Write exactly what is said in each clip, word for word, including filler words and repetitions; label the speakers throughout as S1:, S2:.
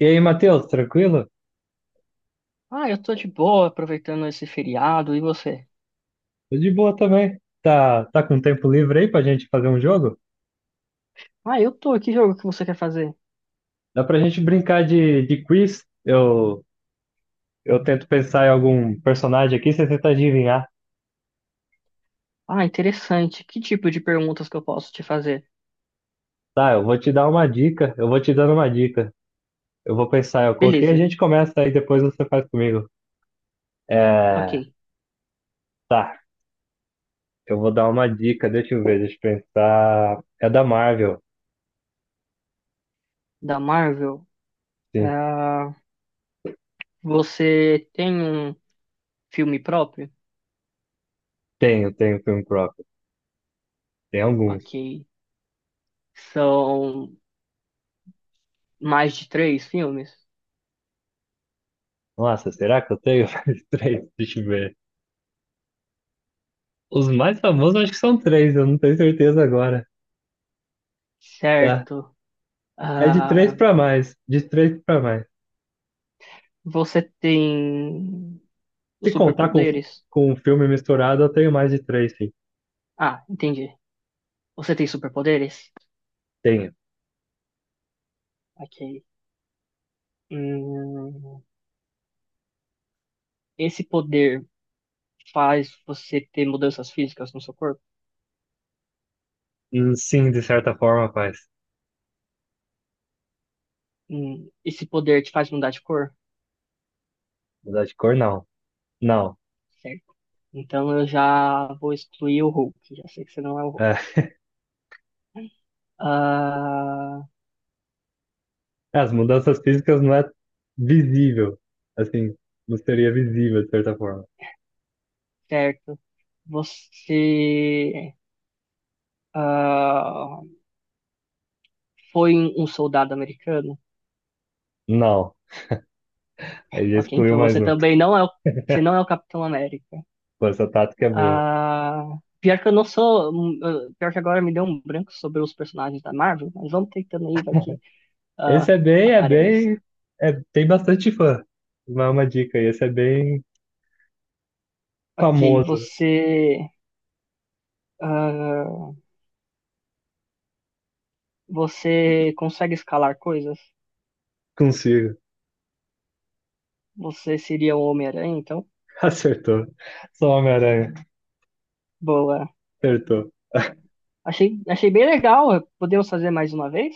S1: E aí, Matheus, tranquilo?
S2: Ah, eu tô de boa aproveitando esse feriado, e você?
S1: Tô de boa também. Tá, tá com tempo livre aí pra gente fazer um jogo?
S2: Ah, eu tô, que jogo que você quer fazer?
S1: Dá pra gente brincar de, de quiz? Eu, eu tento pensar em algum personagem aqui, você tenta adivinhar.
S2: Ah, interessante. Que tipo de perguntas que eu posso te fazer?
S1: Tá, eu vou te dar uma dica, eu vou te dando uma dica. Eu vou pensar, eu coloquei, a
S2: Beleza,
S1: gente começa aí, depois você faz comigo.
S2: ok.
S1: É, tá, eu vou dar uma dica, deixa eu ver, deixa eu pensar. É da Marvel,
S2: Da Marvel,
S1: sim.
S2: ah, você tem um filme próprio?
S1: Tenho, tenho filme próprio. Tem alguns.
S2: Ok. São mais de três filmes?
S1: Nossa, será que eu tenho? Mais três, deixa eu ver. Os mais famosos eu acho que são três, eu não tenho certeza agora. Tá.
S2: Certo.
S1: É de três
S2: Ah,
S1: pra mais. De três pra mais.
S2: você tem os
S1: Se contar com,
S2: superpoderes?
S1: com um filme misturado, eu tenho mais de três, sim.
S2: Ah, entendi. Você tem superpoderes?
S1: Tenho.
S2: Ok. Hum, esse poder. Faz você ter mudanças físicas no seu corpo.
S1: Hum, Sim, de certa forma, faz.
S2: Hum, Esse poder te faz mudar de cor?
S1: Mudar de cor, não. Não.
S2: Certo. Então eu já vou excluir o Hulk. Já sei que você não é o Hulk.
S1: É.
S2: Ah,
S1: As mudanças físicas não é visível. Assim, não seria visível, de certa forma.
S2: certo. Você ah, foi um um soldado americano?
S1: Não. Aí já
S2: Ok,
S1: excluiu
S2: então
S1: mais
S2: você
S1: um.
S2: também não é o, você não é o Capitão América.
S1: Pô, essa tática é boa.
S2: Ah, pior que eu não sou. hum, ah, Pior que agora me deu um branco sobre os personagens da Marvel, mas vamos tentando aí, vai que ah,
S1: Esse é bem, é
S2: aparece.
S1: bem. É, tem bastante fã. Uma, uma dica aí. Esse é bem
S2: Ok,
S1: famoso.
S2: você. ah, você consegue escalar coisas?
S1: Consigo.
S2: Você seria o Homem-Aranha, então?
S1: Acertou. Sou Homem-Aranha.
S2: Boa.
S1: Acertou.
S2: Achei, achei bem legal. Podemos fazer mais uma vez?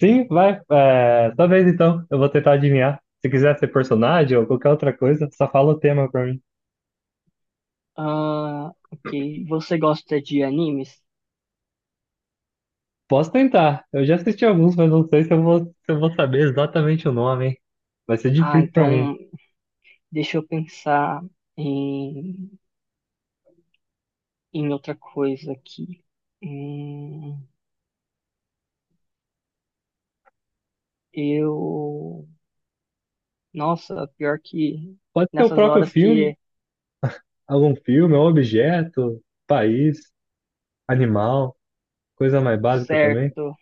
S1: Sim, vai. É, talvez então. Eu vou tentar adivinhar. Se quiser ser personagem ou qualquer outra coisa, só fala o tema pra mim.
S2: Ah, ok. Você gosta de animes?
S1: Posso tentar. Eu já assisti alguns, mas não sei se eu vou, se eu vou saber exatamente o nome, hein? Vai ser
S2: Ah,
S1: difícil pra mim.
S2: então deixa eu pensar em, em outra coisa aqui. Hum, eu. Nossa, pior que
S1: Pode ser o
S2: nessas
S1: próprio
S2: horas
S1: filme,
S2: que.
S1: algum filme, um objeto, país, animal, coisa mais básica também.
S2: Certo.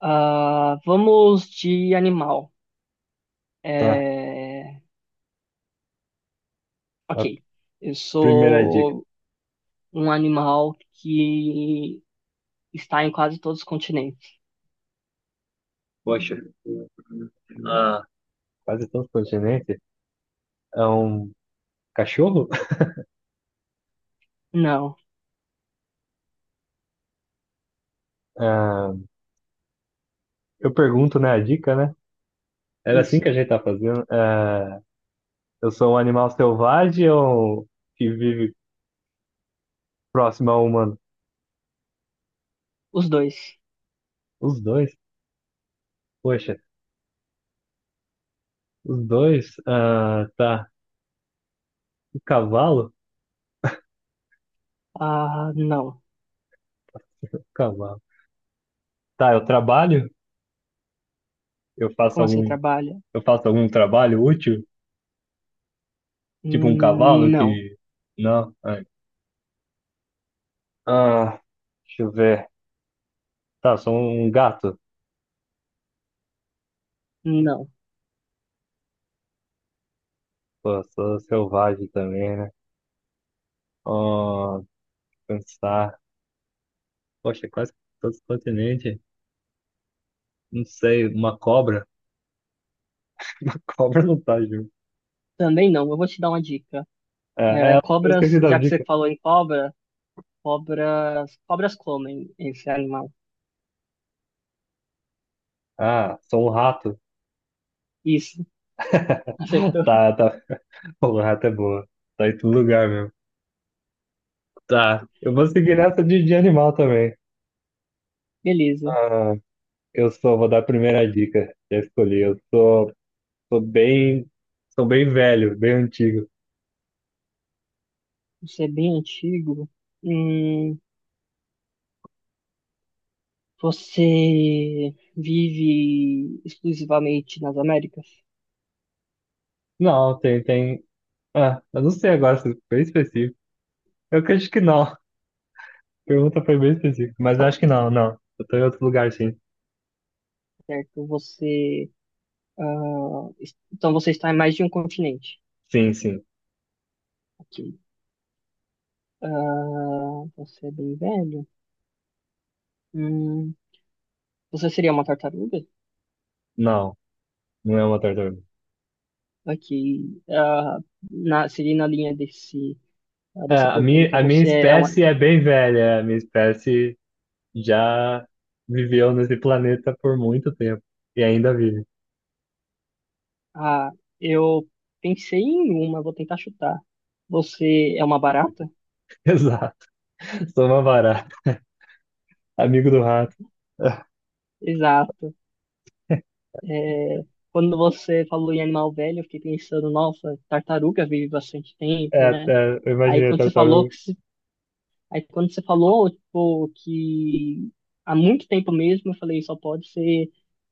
S2: Ah, vamos de animal.
S1: Tá,
S2: É,
S1: a
S2: ok, eu
S1: primeira dica.
S2: sou um animal que está em quase todos os continentes.
S1: Poxa, ah, quase todos os continentes. É um cachorro?
S2: Não,
S1: Ah, eu pergunto, né, a dica, né? Era assim
S2: isso.
S1: que a gente tá fazendo. Ah, eu sou um animal selvagem ou um que vive próximo ao humano?
S2: Os dois.
S1: Os dois? Poxa, os dois? Ah, tá. O cavalo?
S2: Ah, não.
S1: O cavalo. Tá, eu trabalho? Eu faço
S2: Como assim
S1: algum,
S2: trabalha?
S1: eu faço algum trabalho útil? Tipo um
S2: Hum,
S1: cavalo
S2: Não,
S1: que. Não. Ai. Ah, deixa eu ver. Tá, sou um gato.
S2: não.
S1: Pô, sou selvagem também, né? Oh, pensar. Poxa, quase todos os continentes. Não sei, uma cobra. Cobra não tá junto.
S2: Também não. Eu vou te dar uma dica.
S1: É,
S2: É,
S1: é, eu
S2: cobras,
S1: esqueci das
S2: já que você
S1: dicas.
S2: falou em cobra, cobras, cobras comem esse animal.
S1: Ah, sou um rato.
S2: Isso, acertou.
S1: Tá, tá. O rato é boa. Tá em todo lugar mesmo. Tá. Eu vou seguir nessa de, de animal também.
S2: Beleza.
S1: Ah, eu sou, vou dar a primeira dica. Já escolhi. Eu sou, sou bem, sou bem velho, bem antigo.
S2: Isso é bem antigo. Hum, Você vive exclusivamente nas Américas,
S1: Não, tem, tem. Ah, eu não sei agora se foi específico. Eu acho que não. A pergunta foi bem específica, mas eu acho que não, não. Eu tô em outro lugar, sim.
S2: certo? Você, ah, es- então você está em mais de um continente.
S1: Sim, sim.
S2: Ok. Ah, você é bem velho. Hum, você seria uma tartaruga?
S1: Não, não é uma tartaruga.
S2: Ok. Ah, na, seria na linha desse, ah,
S1: É,
S2: dessa
S1: a minha,
S2: pergunta.
S1: a minha
S2: Você é uma.
S1: espécie é bem velha. A minha espécie já viveu nesse planeta por muito tempo e ainda vive.
S2: Ah, eu pensei em uma, vou tentar chutar. Você é uma barata?
S1: Exato. Sou uma barata, amigo do rato.
S2: Exato. É, quando você falou em animal velho, eu fiquei pensando, nossa, tartaruga vive bastante tempo,
S1: É,
S2: né?
S1: é, eu
S2: Aí
S1: imaginei a
S2: quando você falou
S1: tartaruga.
S2: que se- aí quando você falou, tipo, que há muito tempo mesmo, eu falei, só pode ser,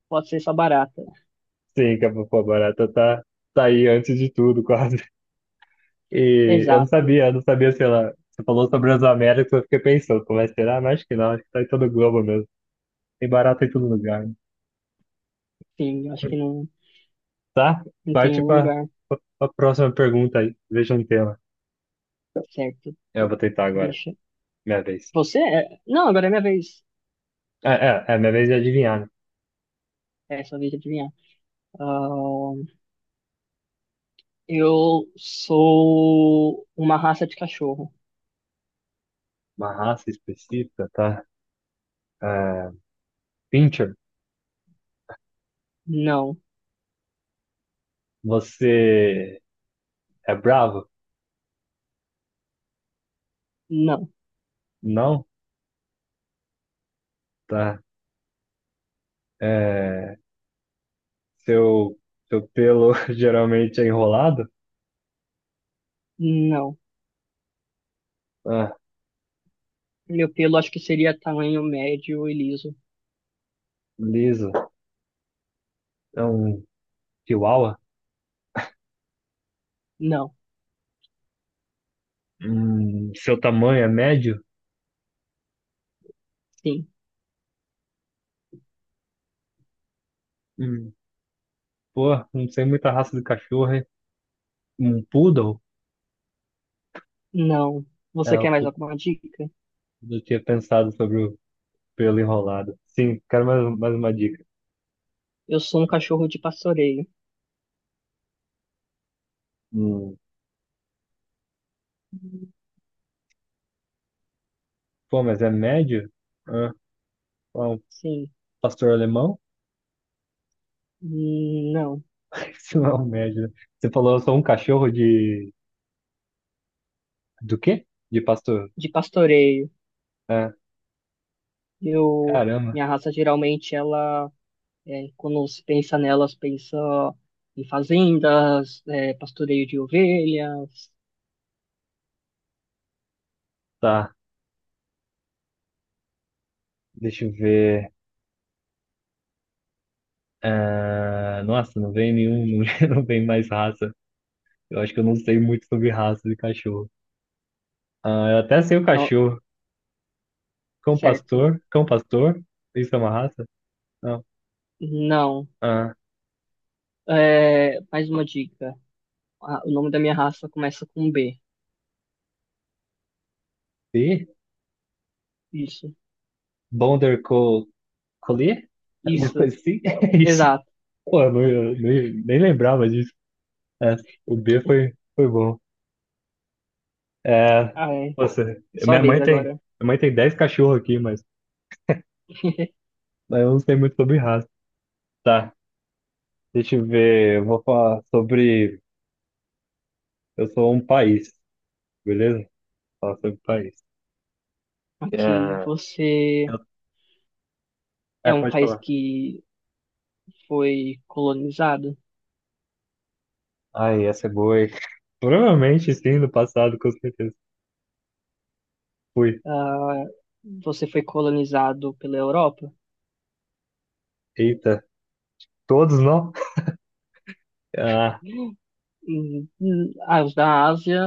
S2: pode ser essa barata.
S1: Sim, que a pô, a barata tá, tá aí antes de tudo, quase. E eu não
S2: Exato.
S1: sabia, eu não sabia se ela. Você falou sobre as Américas, eu fiquei pensando, como é que será? Mas acho que não, acho que tá em todo o globo mesmo. Tem barata em todo lugar. Né?
S2: Sim, eu acho que não,
S1: Tá?
S2: não tem
S1: Parte
S2: um
S1: para
S2: lugar
S1: a próxima pergunta aí. Veja um tema.
S2: certo.
S1: Eu vou tentar agora.
S2: Deixa.
S1: Minha vez.
S2: Você é... Não, agora é minha vez.
S1: É, é, é, minha vez de adivinhar, né?
S2: É, sua vez de adivinhar. Ahn, eu sou uma raça de cachorro.
S1: Uma raça específica, tá? É, Pincher,
S2: Não,
S1: você é bravo?
S2: não,
S1: Não? Tá. É, seu, seu pelo geralmente é enrolado?
S2: não.
S1: Ah,
S2: Meu pelo acho que seria tamanho médio e liso.
S1: liso. É um chihuahua?
S2: Não,
S1: Hum, seu tamanho é médio?
S2: sim,
S1: Hum, pô, não sei muita raça de cachorro, hein? Um poodle?
S2: não.
S1: É,
S2: Você
S1: o
S2: quer mais
S1: poodle
S2: alguma dica?
S1: eu tinha pensado sobre o pelo enrolado. Sim, quero mais, um, mais uma dica.
S2: Eu sou um cachorro de pastoreio.
S1: Hum, pô, mas é médio? Ah, ó, um
S2: Sim,
S1: pastor alemão?
S2: hum, não,
S1: Isso não é um médio. Né? Você falou, eu sou um cachorro de... Do quê? De pastor.
S2: de pastoreio.
S1: Ah,
S2: Eu,
S1: caramba.
S2: minha raça geralmente ela, é, quando se pensa nelas, pensa em fazendas, é, pastoreio de ovelhas,
S1: Tá, deixa eu ver. Ah, nossa, não vem nenhum, não vem mais raça. Eu acho que eu não sei muito sobre raça de cachorro. Ah, eu até sei o
S2: não,
S1: cachorro. Cão
S2: certo?
S1: pastor? Cão pastor? Isso é uma raça? Não.
S2: Não.
S1: Ah,
S2: É, mais uma dica. Ah, o nome da minha raça começa com B.
S1: e?
S2: Isso,
S1: Border Colher? Alguma
S2: isso,
S1: coisa assim? É isso.
S2: exato.
S1: Pô, eu, não, eu nem, nem lembrava disso. É, o B foi, foi bom. É,
S2: Ah, é.
S1: nossa.
S2: É sua
S1: minha
S2: vez
S1: mãe tem,
S2: agora.
S1: minha mãe tem dez cachorros aqui, mas, mas eu não sei muito sobre raça. Tá, deixa eu ver. Eu vou falar sobre. Eu sou um país, beleza? Falar sobre país. É,
S2: Ok, você
S1: eu- é,
S2: é um
S1: pode
S2: país
S1: falar.
S2: que foi colonizado?
S1: Ai, essa é boa, hein? Provavelmente sim, no passado, com certeza. Fui.
S2: Ah, você foi colonizado pela Europa?
S1: Eita, todos não? Ah.
S2: Hum, hum, Ah, os da Ásia,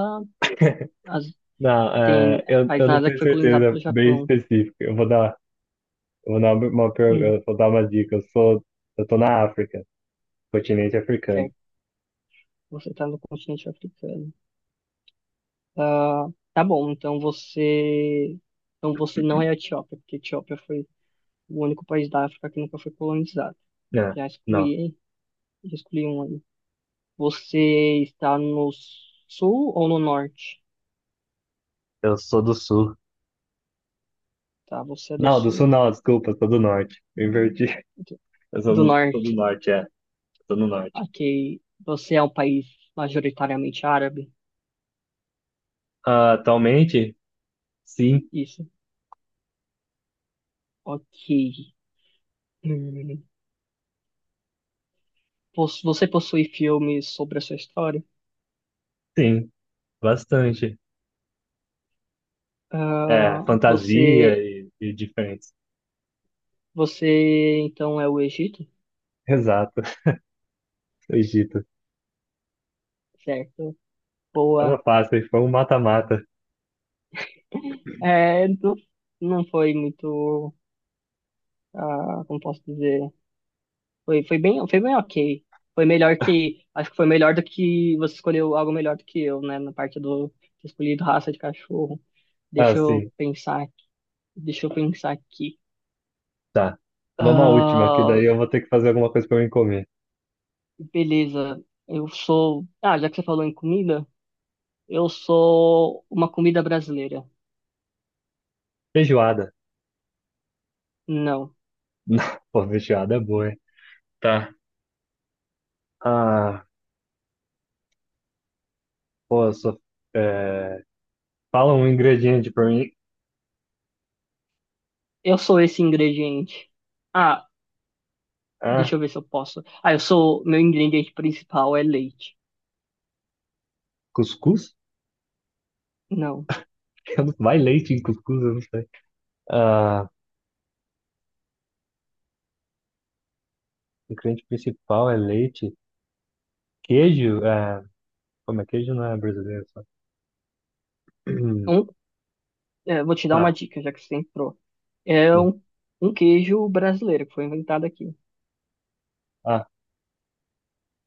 S2: as-
S1: Não,
S2: tem
S1: é, eu,
S2: país
S1: eu
S2: na
S1: não
S2: Ásia que
S1: tenho
S2: foi colonizado
S1: certeza
S2: pelo
S1: bem
S2: Japão.
S1: específica. Eu vou dar, eu vou dar uma, uma per-
S2: Hum,
S1: eu vou dar uma dica. Eu sou, eu tô na África, continente africano.
S2: certo. Você está no continente africano. Ah, tá bom, então você, então você não é a Etiópia, porque a Etiópia foi o único país da África que nunca foi colonizado.
S1: É,
S2: Já
S1: não,
S2: excluí, já excluí um aí. Você está no sul ou no norte?
S1: eu sou do sul.
S2: Tá, você é do
S1: Não, do sul
S2: sul.
S1: não, desculpa, eu sou do norte. Eu inverti.
S2: Do
S1: Eu sou
S2: do
S1: do, sou do
S2: norte.
S1: norte, é. Eu tô no norte.
S2: Ok. Você é um país majoritariamente árabe?
S1: Ah, atualmente, sim,
S2: Isso. Ok. Hum. Pos- você possui filmes sobre a sua história?
S1: sim, bastante. É,
S2: Ah,
S1: fantasia
S2: você,
S1: e, e diferentes.
S2: você então é o Egito?
S1: Exato, Egito.
S2: Certo.
S1: É uma
S2: Boa.
S1: fácil, foi um mata-mata.
S2: É, não, não foi muito, ah, como posso dizer? Foi, foi bem, foi bem ok. Foi melhor que. Acho que foi melhor do que você escolheu algo melhor do que eu, né? Na parte do ter escolhido raça de cachorro.
S1: Ah,
S2: Deixa eu
S1: sim.
S2: pensar aqui. Deixa eu pensar aqui.
S1: Tá. Vamos à última, que
S2: Ah,
S1: daí eu vou ter que fazer alguma coisa pra mim comer.
S2: beleza. Eu sou. Ah, já que você falou em comida, eu sou uma comida brasileira.
S1: Feijoada.
S2: Não.
S1: Não, pô, feijoada é boa, hein? Tá. Ah, pô, eu sou... é, Fala um ingrediente pra mim.
S2: Eu sou esse ingrediente. Ah,
S1: Ah,
S2: deixa eu ver se eu posso. Ah, eu sou. Meu ingrediente principal é leite.
S1: cuscuz?
S2: Não.
S1: Eu não- Vai leite em cuscuz, eu não sei. Ah, o ingrediente principal é leite. Queijo? É... Como é? Queijo não é brasileiro, só.
S2: Um, é, vou te dar uma
S1: Tá,
S2: dica, já que você entrou. É
S1: sim.
S2: um, um queijo brasileiro que foi inventado aqui.
S1: Ah,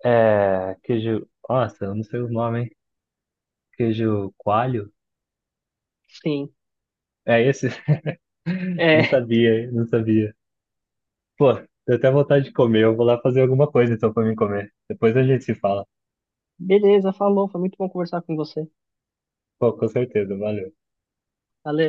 S1: é... Queijo... Nossa, eu não sei os nomes, hein? Queijo coalho?
S2: Sim.
S1: É esse? Não
S2: É,
S1: sabia, hein? Não sabia. Pô, tô até vontade de comer. Eu vou lá fazer alguma coisa então pra mim comer. Depois a gente se fala.
S2: beleza, falou. Foi muito bom conversar com você.
S1: Pô, com certeza. Valeu.
S2: Valeu.